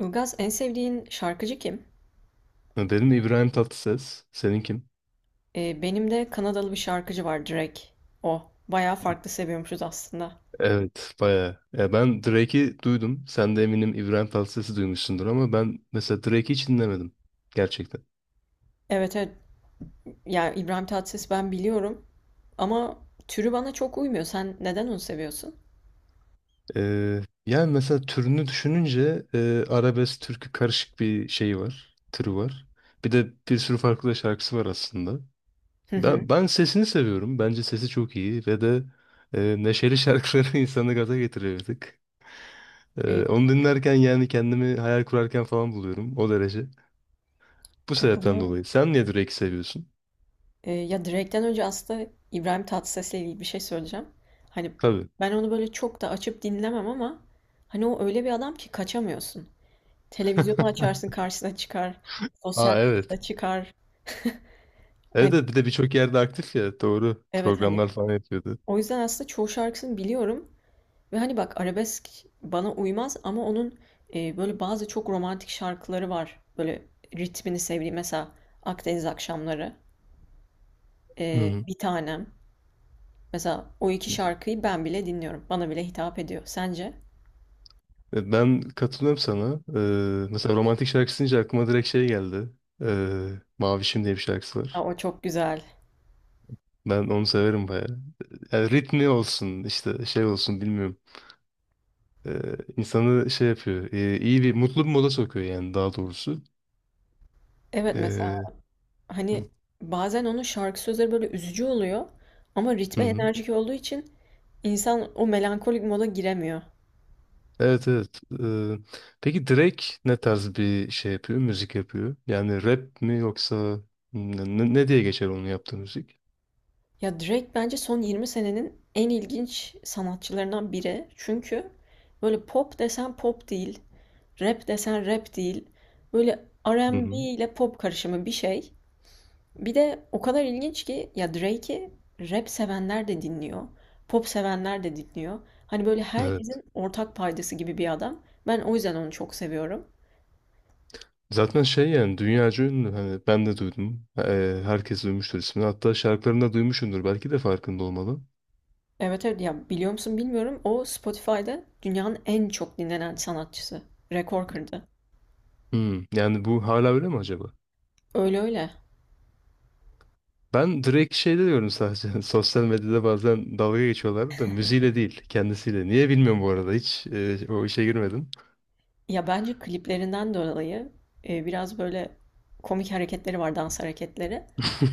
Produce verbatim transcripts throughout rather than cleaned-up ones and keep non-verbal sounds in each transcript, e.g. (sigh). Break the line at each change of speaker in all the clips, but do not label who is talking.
Ilgaz, en sevdiğin şarkıcı kim?
Benim İbrahim Tatlıses. Senin kim?
Ee, benim de Kanadalı bir şarkıcı var, Drake. O. Bayağı farklı seviyormuşuz aslında.
Evet, bayağı. Ya ben Drake'i duydum. Sen de eminim İbrahim Tatlıses'i duymuşsundur ama ben mesela Drake'i hiç dinlemedim. Gerçekten.
Evet, evet. Yani İbrahim Tatlıses, ben biliyorum. Ama türü bana çok uymuyor. Sen neden onu seviyorsun?
Ee, yani mesela türünü düşününce e, arabesk türkü karışık bir şeyi var. Türü var. Bir de bir sürü farklı da şarkısı var aslında.
Hı hı.
Ben, ben sesini seviyorum. Bence sesi çok iyi ve de e, neşeli şarkıları (laughs) insanı gaza getiriyor bir tık. Ee,
Ee,
onu dinlerken yani kendimi hayal kurarken falan buluyorum. O derece. Bu sebepten
Katılıyorum.
dolayı. Sen niye Drake'i seviyorsun?
Ee, ya Drake'den önce aslında İbrahim Tatlıses'le ilgili bir şey söyleyeceğim. Hani
Tabii.
ben onu böyle çok da açıp dinlemem ama hani o öyle bir adam ki kaçamıyorsun. Televizyonu
(laughs)
açarsın, karşısına çıkar. Sosyal
Aa, evet.
medyada çıkar. Hani,
Evet, evet, bir de birçok yerde aktif ya. Doğru.
evet hani
Programlar falan yapıyordu.
o yüzden aslında çoğu şarkısını biliyorum ve hani bak, arabesk bana uymaz ama onun e, böyle bazı çok romantik şarkıları var. Böyle ritmini sevdiğim mesela Akdeniz Akşamları,
Hı
e,
hı.
Bir Tanem. Mesela o iki şarkıyı ben bile dinliyorum. Bana bile hitap ediyor. Sence?
E, Ben katılıyorum sana. Ee, mesela romantik şarkı deyince aklıma direkt şey geldi. Ee, Mavişim diye bir şarkısı
Ha,
var.
o çok güzel.
Ben onu severim bayağı. Yani ritmi olsun işte şey olsun bilmiyorum. Ee, insanı şey yapıyor. e, iyi bir, mutlu bir moda sokuyor yani, daha doğrusu.
Evet, mesela
Ee,
hani bazen onun şarkı sözleri böyle üzücü oluyor ama
hı
ritme
hı.
enerjik olduğu için insan o melankolik moda giremiyor.
Evet, evet. Ee, peki Drake ne tarz bir şey yapıyor? Müzik yapıyor. Yani rap mi yoksa ne, ne- ne diye geçer onun yaptığı müzik?
Ya, Drake bence son yirmi senenin en ilginç sanatçılarından biri. Çünkü böyle pop desen pop değil, rap desen rap değil. Böyle
Hı
R and B
hı.
ile pop karışımı bir şey. Bir de o kadar ilginç ki ya, Drake'i rap sevenler de dinliyor, pop sevenler de dinliyor. Hani böyle
Evet.
herkesin ortak paydası gibi bir adam. Ben o yüzden onu çok seviyorum.
Zaten şey yani, dünyaca ünlü. Hani ben de duydum. Ee, herkes duymuştur ismini. Hatta şarkılarını da duymuşsundur. Belki de farkında olmalı.
Evet, evet, ya biliyor musun bilmiyorum, o Spotify'da dünyanın en çok dinlenen sanatçısı. Rekor kırdı.
Hmm. Yani bu hala öyle mi acaba?
Öyle, öyle.
Ben Drake şeyde diyorum sadece. (laughs) Sosyal medyada bazen dalga geçiyorlardı da, müziğiyle değil, kendisiyle. Niye bilmiyorum bu arada. Hiç e, o işe girmedim.
Ya bence kliplerinden dolayı e, biraz böyle komik hareketleri var, dans hareketleri.
(laughs)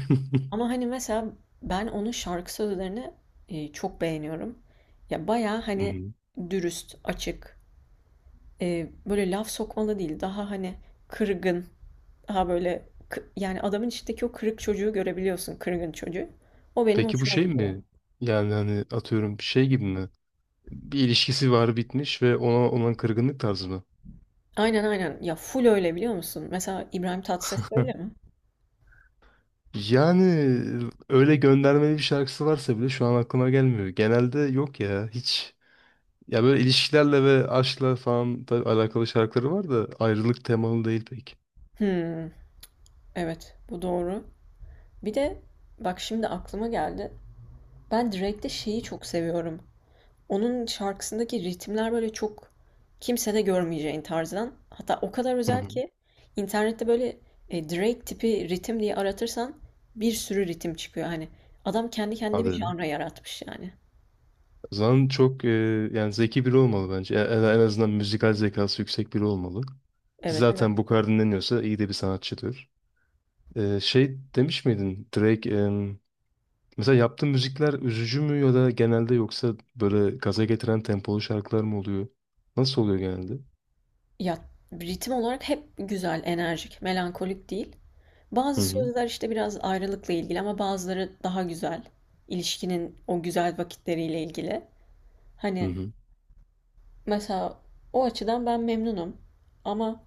Ama hani mesela ben onun şarkı sözlerini e, çok beğeniyorum. Ya baya
Hı
hani
hı.
dürüst, açık, e, böyle laf sokmalı değil. Daha hani kırgın, daha böyle kı- yani adamın içindeki o kırık çocuğu görebiliyorsun, kırgın çocuğu. O benim
Peki bu
hoşuma
şey
gidiyor.
mi? Yani hani atıyorum şey gibi mi? Bir ilişkisi var, bitmiş ve ona olan kırgınlık tarzı mı?
Aynen, aynen. Ya full öyle, biliyor musun? Mesela İbrahim Tatlıses öyle
(laughs)
mi?
Yani öyle göndermeli bir şarkısı varsa bile şu an aklıma gelmiyor. Genelde yok ya, hiç. Ya böyle ilişkilerle ve aşkla falan tabii alakalı şarkıları var da, ayrılık temalı değil pek.
Hmm, evet, bu doğru. Bir de bak şimdi aklıma geldi. Ben Drake'de şeyi çok seviyorum. Onun şarkısındaki ritimler böyle çok kimsede görmeyeceğin tarzdan. Hatta o kadar
Hı
özel
hı.
ki internette böyle e, Drake tipi ritim diye aratırsan bir sürü ritim çıkıyor. Hani adam kendi kendine
Hadi,
bir
öyle.
janra yaratmış yani.
O zaman çok e, yani zeki biri olmalı bence. En, en en azından müzikal zekası yüksek biri olmalı. Ki
Evet, evet.
zaten bu kadar dinleniyorsa iyi de bir sanatçıdır. Ee, şey demiş miydin Drake em, mesela yaptığı müzikler üzücü mü ya da genelde, yoksa böyle gaza getiren tempolu şarkılar mı oluyor? Nasıl oluyor genelde?
Ya ritim olarak hep güzel, enerjik, melankolik değil. Bazı
Hı hı.
sözler işte biraz ayrılıkla ilgili ama bazıları daha güzel. İlişkinin o güzel vakitleriyle ilgili.
Hı
Hani
hı.
mesela o açıdan ben memnunum. Ama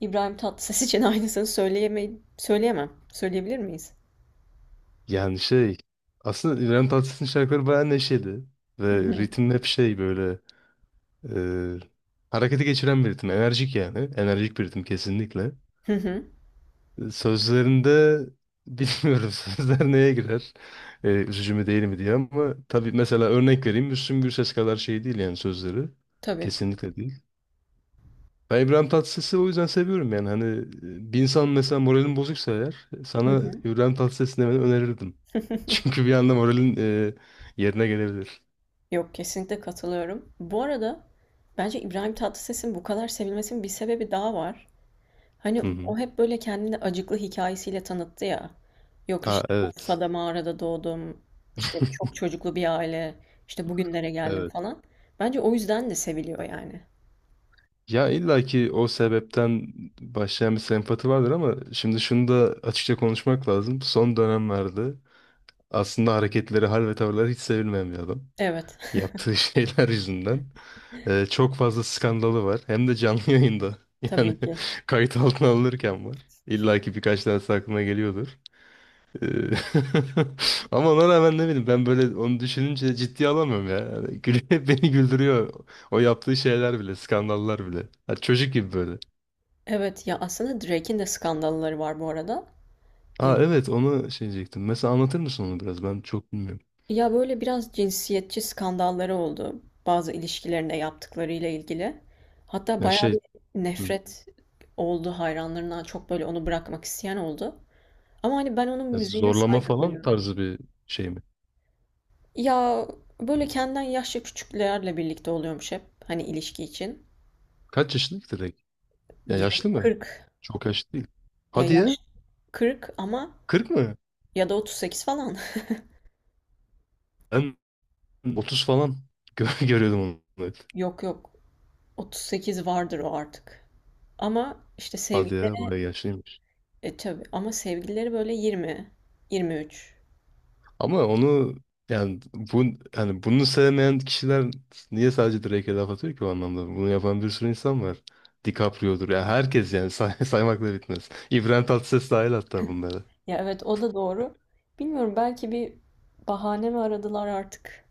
İbrahim Tatlıses için (laughs) aynısını söyleyemey söyleyemem. Söyleyebilir miyiz?
Yani şey, aslında İbrahim Tatlıses'in şarkıları bayağı neşeli
Hı
ve
hı.
ritim hep şey böyle e, harekete geçiren bir ritim. Enerjik yani. Enerjik bir ritim kesinlikle.
Hı hı.
Sözlerinde bilmiyorum (laughs) sözler neye girer. Ee, üzücü mü değil mi diye, ama tabii mesela örnek vereyim, Müslüm Gürses kadar şey değil yani sözleri.
Tabii.
Kesinlikle değil. Ben İbrahim Tatlıses'i o yüzden seviyorum yani hani e, bir insan, mesela moralin bozuksa eğer, e,
Hı
sana
hı.
İbrahim Tatlıses dinlemeni önerirdim. (laughs)
(laughs)
Çünkü bir anda moralin e, yerine gelebilir.
Yok, kesinlikle katılıyorum. Bu arada bence İbrahim Tatlıses'in bu kadar sevilmesinin bir sebebi daha var. Hani
Hı hı.
o hep böyle kendini acıklı hikayesiyle tanıttı ya. Yok
Ha,
işte
evet.
Urfa'da mağarada doğdum. İşte çok çocuklu bir aile. İşte bugünlere geldim
Evet.
falan. Bence o yüzden de seviliyor yani.
Ya illa ki o sebepten başlayan bir sempati vardır ama şimdi şunu da açıkça konuşmak lazım. Son dönemlerde aslında hareketleri, hal ve tavırları hiç sevilmeyen bir adam.
Evet.
Yaptığı (laughs) şeyler yüzünden. Ee, çok fazla skandalı var. Hem de canlı yayında.
(laughs)
(laughs) Yani
Tabii ki.
kayıt altına alınırken var. İlla ki birkaç tanesi aklına geliyordur. Ee, (laughs) Ama ona rağmen ne bileyim ben, böyle onu düşününce ciddiye alamıyorum ya. Yani gül- (laughs) beni güldürüyor. O yaptığı şeyler bile, skandallar bile. Ha, çocuk gibi böyle.
Evet, ya aslında Drake'in de skandalları var bu arada. E,
Aa, evet, onu şey diyecektim. Mesela anlatır mısın onu biraz? Ben çok bilmiyorum.
Ya böyle biraz cinsiyetçi skandalları oldu. Bazı ilişkilerinde yaptıklarıyla ilgili. Hatta
Ya
bayağı
şey,
bir
hı,
nefret oldu hayranlarından. Çok böyle onu bırakmak isteyen oldu. Ama hani ben onun
ya
müziğine
zorlama
saygı
falan
duyuyorum.
tarzı bir şey mi?
Ya böyle kendinden yaşça küçüklerle birlikte oluyormuş hep. Hani ilişki için.
Kaç yaşında ki direkt? Ya
Drake
yaşlı mı?
kırk.
Çok yaşlı değil.
Ya
Hadi ya.
yaş kırk ama
Kırk mı?
ya da otuz sekiz falan.
Ben otuz falan (laughs) gö- görüyordum onu, hep.
(laughs) Yok, yok. otuz sekiz vardır o artık. Ama işte
Hadi
sevgili,
ya, bayağı yaşlıymış.
e tabii, ama sevgilileri böyle yirmi, yirmi üç.
Ama onu, yani bu yani bunu sevmeyen kişiler niye sadece Drake'e laf atıyor ki o anlamda? Bunu yapan bir sürü insan var. DiCaprio'dur. Ya herkes yani say (laughs) saymakla bitmez. İbrahim Tatlıses dahil hatta bunlara.
Ya evet, o da doğru. Bilmiyorum, belki bir bahane mi aradılar artık?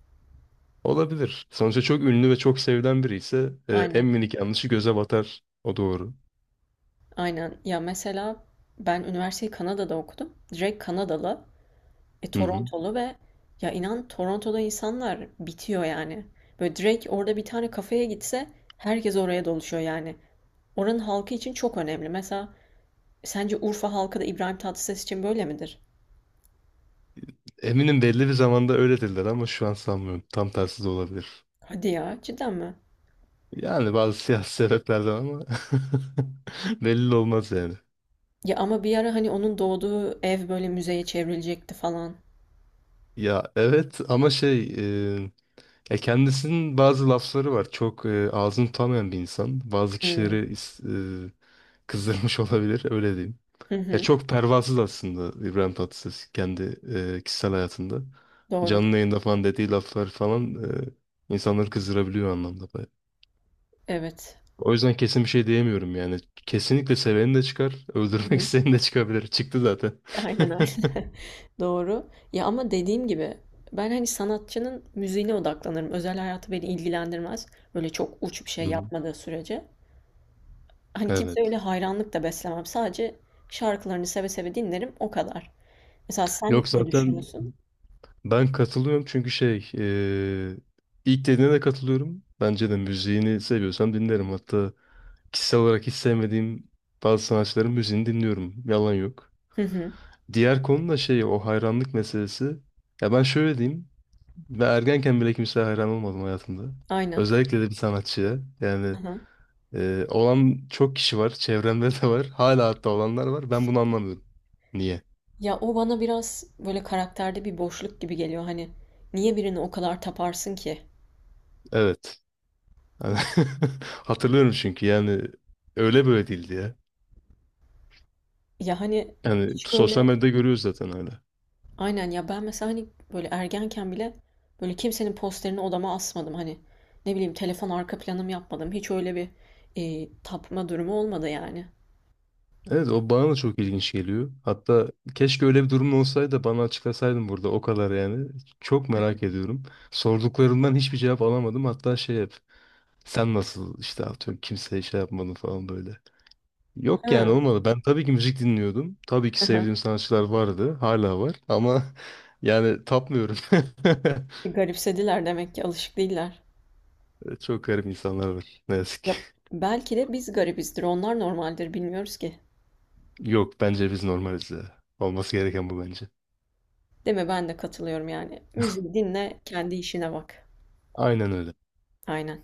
Olabilir. Sonuçta çok ünlü ve çok sevilen biri ise e, en
Aynen.
minik yanlışı göze batar. O doğru.
Aynen. Ya mesela ben üniversiteyi Kanada'da okudum. Direkt Kanadalı, e,
Hı hı.
Torontolu ve ya inan, Toronto'da insanlar bitiyor yani. Böyle direkt orada bir tane kafeye gitse herkes oraya doluşuyor yani. Oranın halkı için çok önemli. Mesela sence Urfa halkı da İbrahim Tatlıses için böyle midir?
Eminim belli bir zamanda öyle dediler ama şu an sanmıyorum. Tam tersi de olabilir.
Hadi ya, cidden mi?
Yani bazı siyasi sebeplerden ama (laughs) belli de olmaz yani.
Ya ama bir ara hani onun doğduğu ev böyle müzeye çevrilecekti falan.
Ya evet, ama şey, e, ya kendisinin bazı lafları var. Çok, e, ağzını tutamayan bir insan. Bazı
Hmm.
kişileri is- e, kızdırmış (laughs) olabilir, öyle diyeyim.
Hı
Ya
hı.
çok pervasız aslında İbrahim Tatlıses kendi e, kişisel hayatında.
Doğru.
Canlı yayında falan dediği laflar falan e, insanları kızdırabiliyor o anlamda.
Evet.
O yüzden kesin bir şey diyemiyorum yani. Kesinlikle seveni de çıkar, (laughs)
Hı
öldürmek
hı.
isteyeni de çıkabilir. Çıktı zaten.
Aynen, aynen.
(laughs)
(laughs) Doğru. Ya ama dediğim gibi ben hani sanatçının müziğine odaklanırım. Özel hayatı beni ilgilendirmez. Böyle çok uç bir şey
Hı hı.
yapmadığı sürece. Hani kimse, öyle
Evet.
hayranlık da beslemem. Sadece şarkılarını seve seve dinlerim o kadar. Mesela sen
Yok
ne
zaten
düşünüyorsun?
ben katılıyorum, çünkü şey, eee, ilk dediğine de katılıyorum. Bence de müziğini seviyorsam dinlerim. Hatta kişisel olarak hiç sevmediğim bazı sanatçıların müziğini dinliyorum. Yalan yok.
Hı hı.
Diğer konu da şey, o hayranlık meselesi. Ya ben şöyle diyeyim. Ve ergenken bile kimseye hayran olmadım hayatımda.
Aynen.
Özellikle de bir sanatçıya.
Hı
Yani
hı.
Ee, olan çok kişi var. Çevremde de var. Hala hatta olanlar var. Ben bunu anlamıyorum. Niye?
Ya o bana biraz böyle karakterde bir boşluk gibi geliyor. Hani niye birini o kadar taparsın ki?
Evet. Yani (laughs) hatırlıyorum çünkü yani öyle böyle değildi ya.
Ya hani
Yani
hiç
sosyal
böyle
medyada görüyoruz zaten öyle.
aynen ya ben mesela hani böyle ergenken bile böyle kimsenin posterini odama asmadım. Hani ne bileyim, telefon arka planım yapmadım. Hiç öyle bir e, tapma durumu olmadı yani.
Evet, o bana da çok ilginç geliyor. Hatta keşke öyle bir durum olsaydı da bana açıklasaydın burada, o kadar yani. Çok merak ediyorum. Sorduklarımdan hiçbir cevap alamadım. Hatta şey, hep sen nasıl işte atıyorum kimseye şey yapmadın falan böyle. Yok yani,
Ha.
olmadı. Ben tabii ki müzik dinliyordum. Tabii ki
Aha.
sevdiğim sanatçılar vardı. Hala var. Ama (laughs) yani tapmıyorum.
E, Garipsediler demek ki, alışık değiller.
(laughs) Çok garip insanlar var. Ne yazık ki.
Ya belki de biz garibizdir, onlar normaldir, bilmiyoruz ki.
Yok bence biz normaliz ya. Olması gereken bu bence.
Değil mi? Ben de katılıyorum yani. Müziği dinle, kendi işine bak.
Aynen öyle.
Aynen.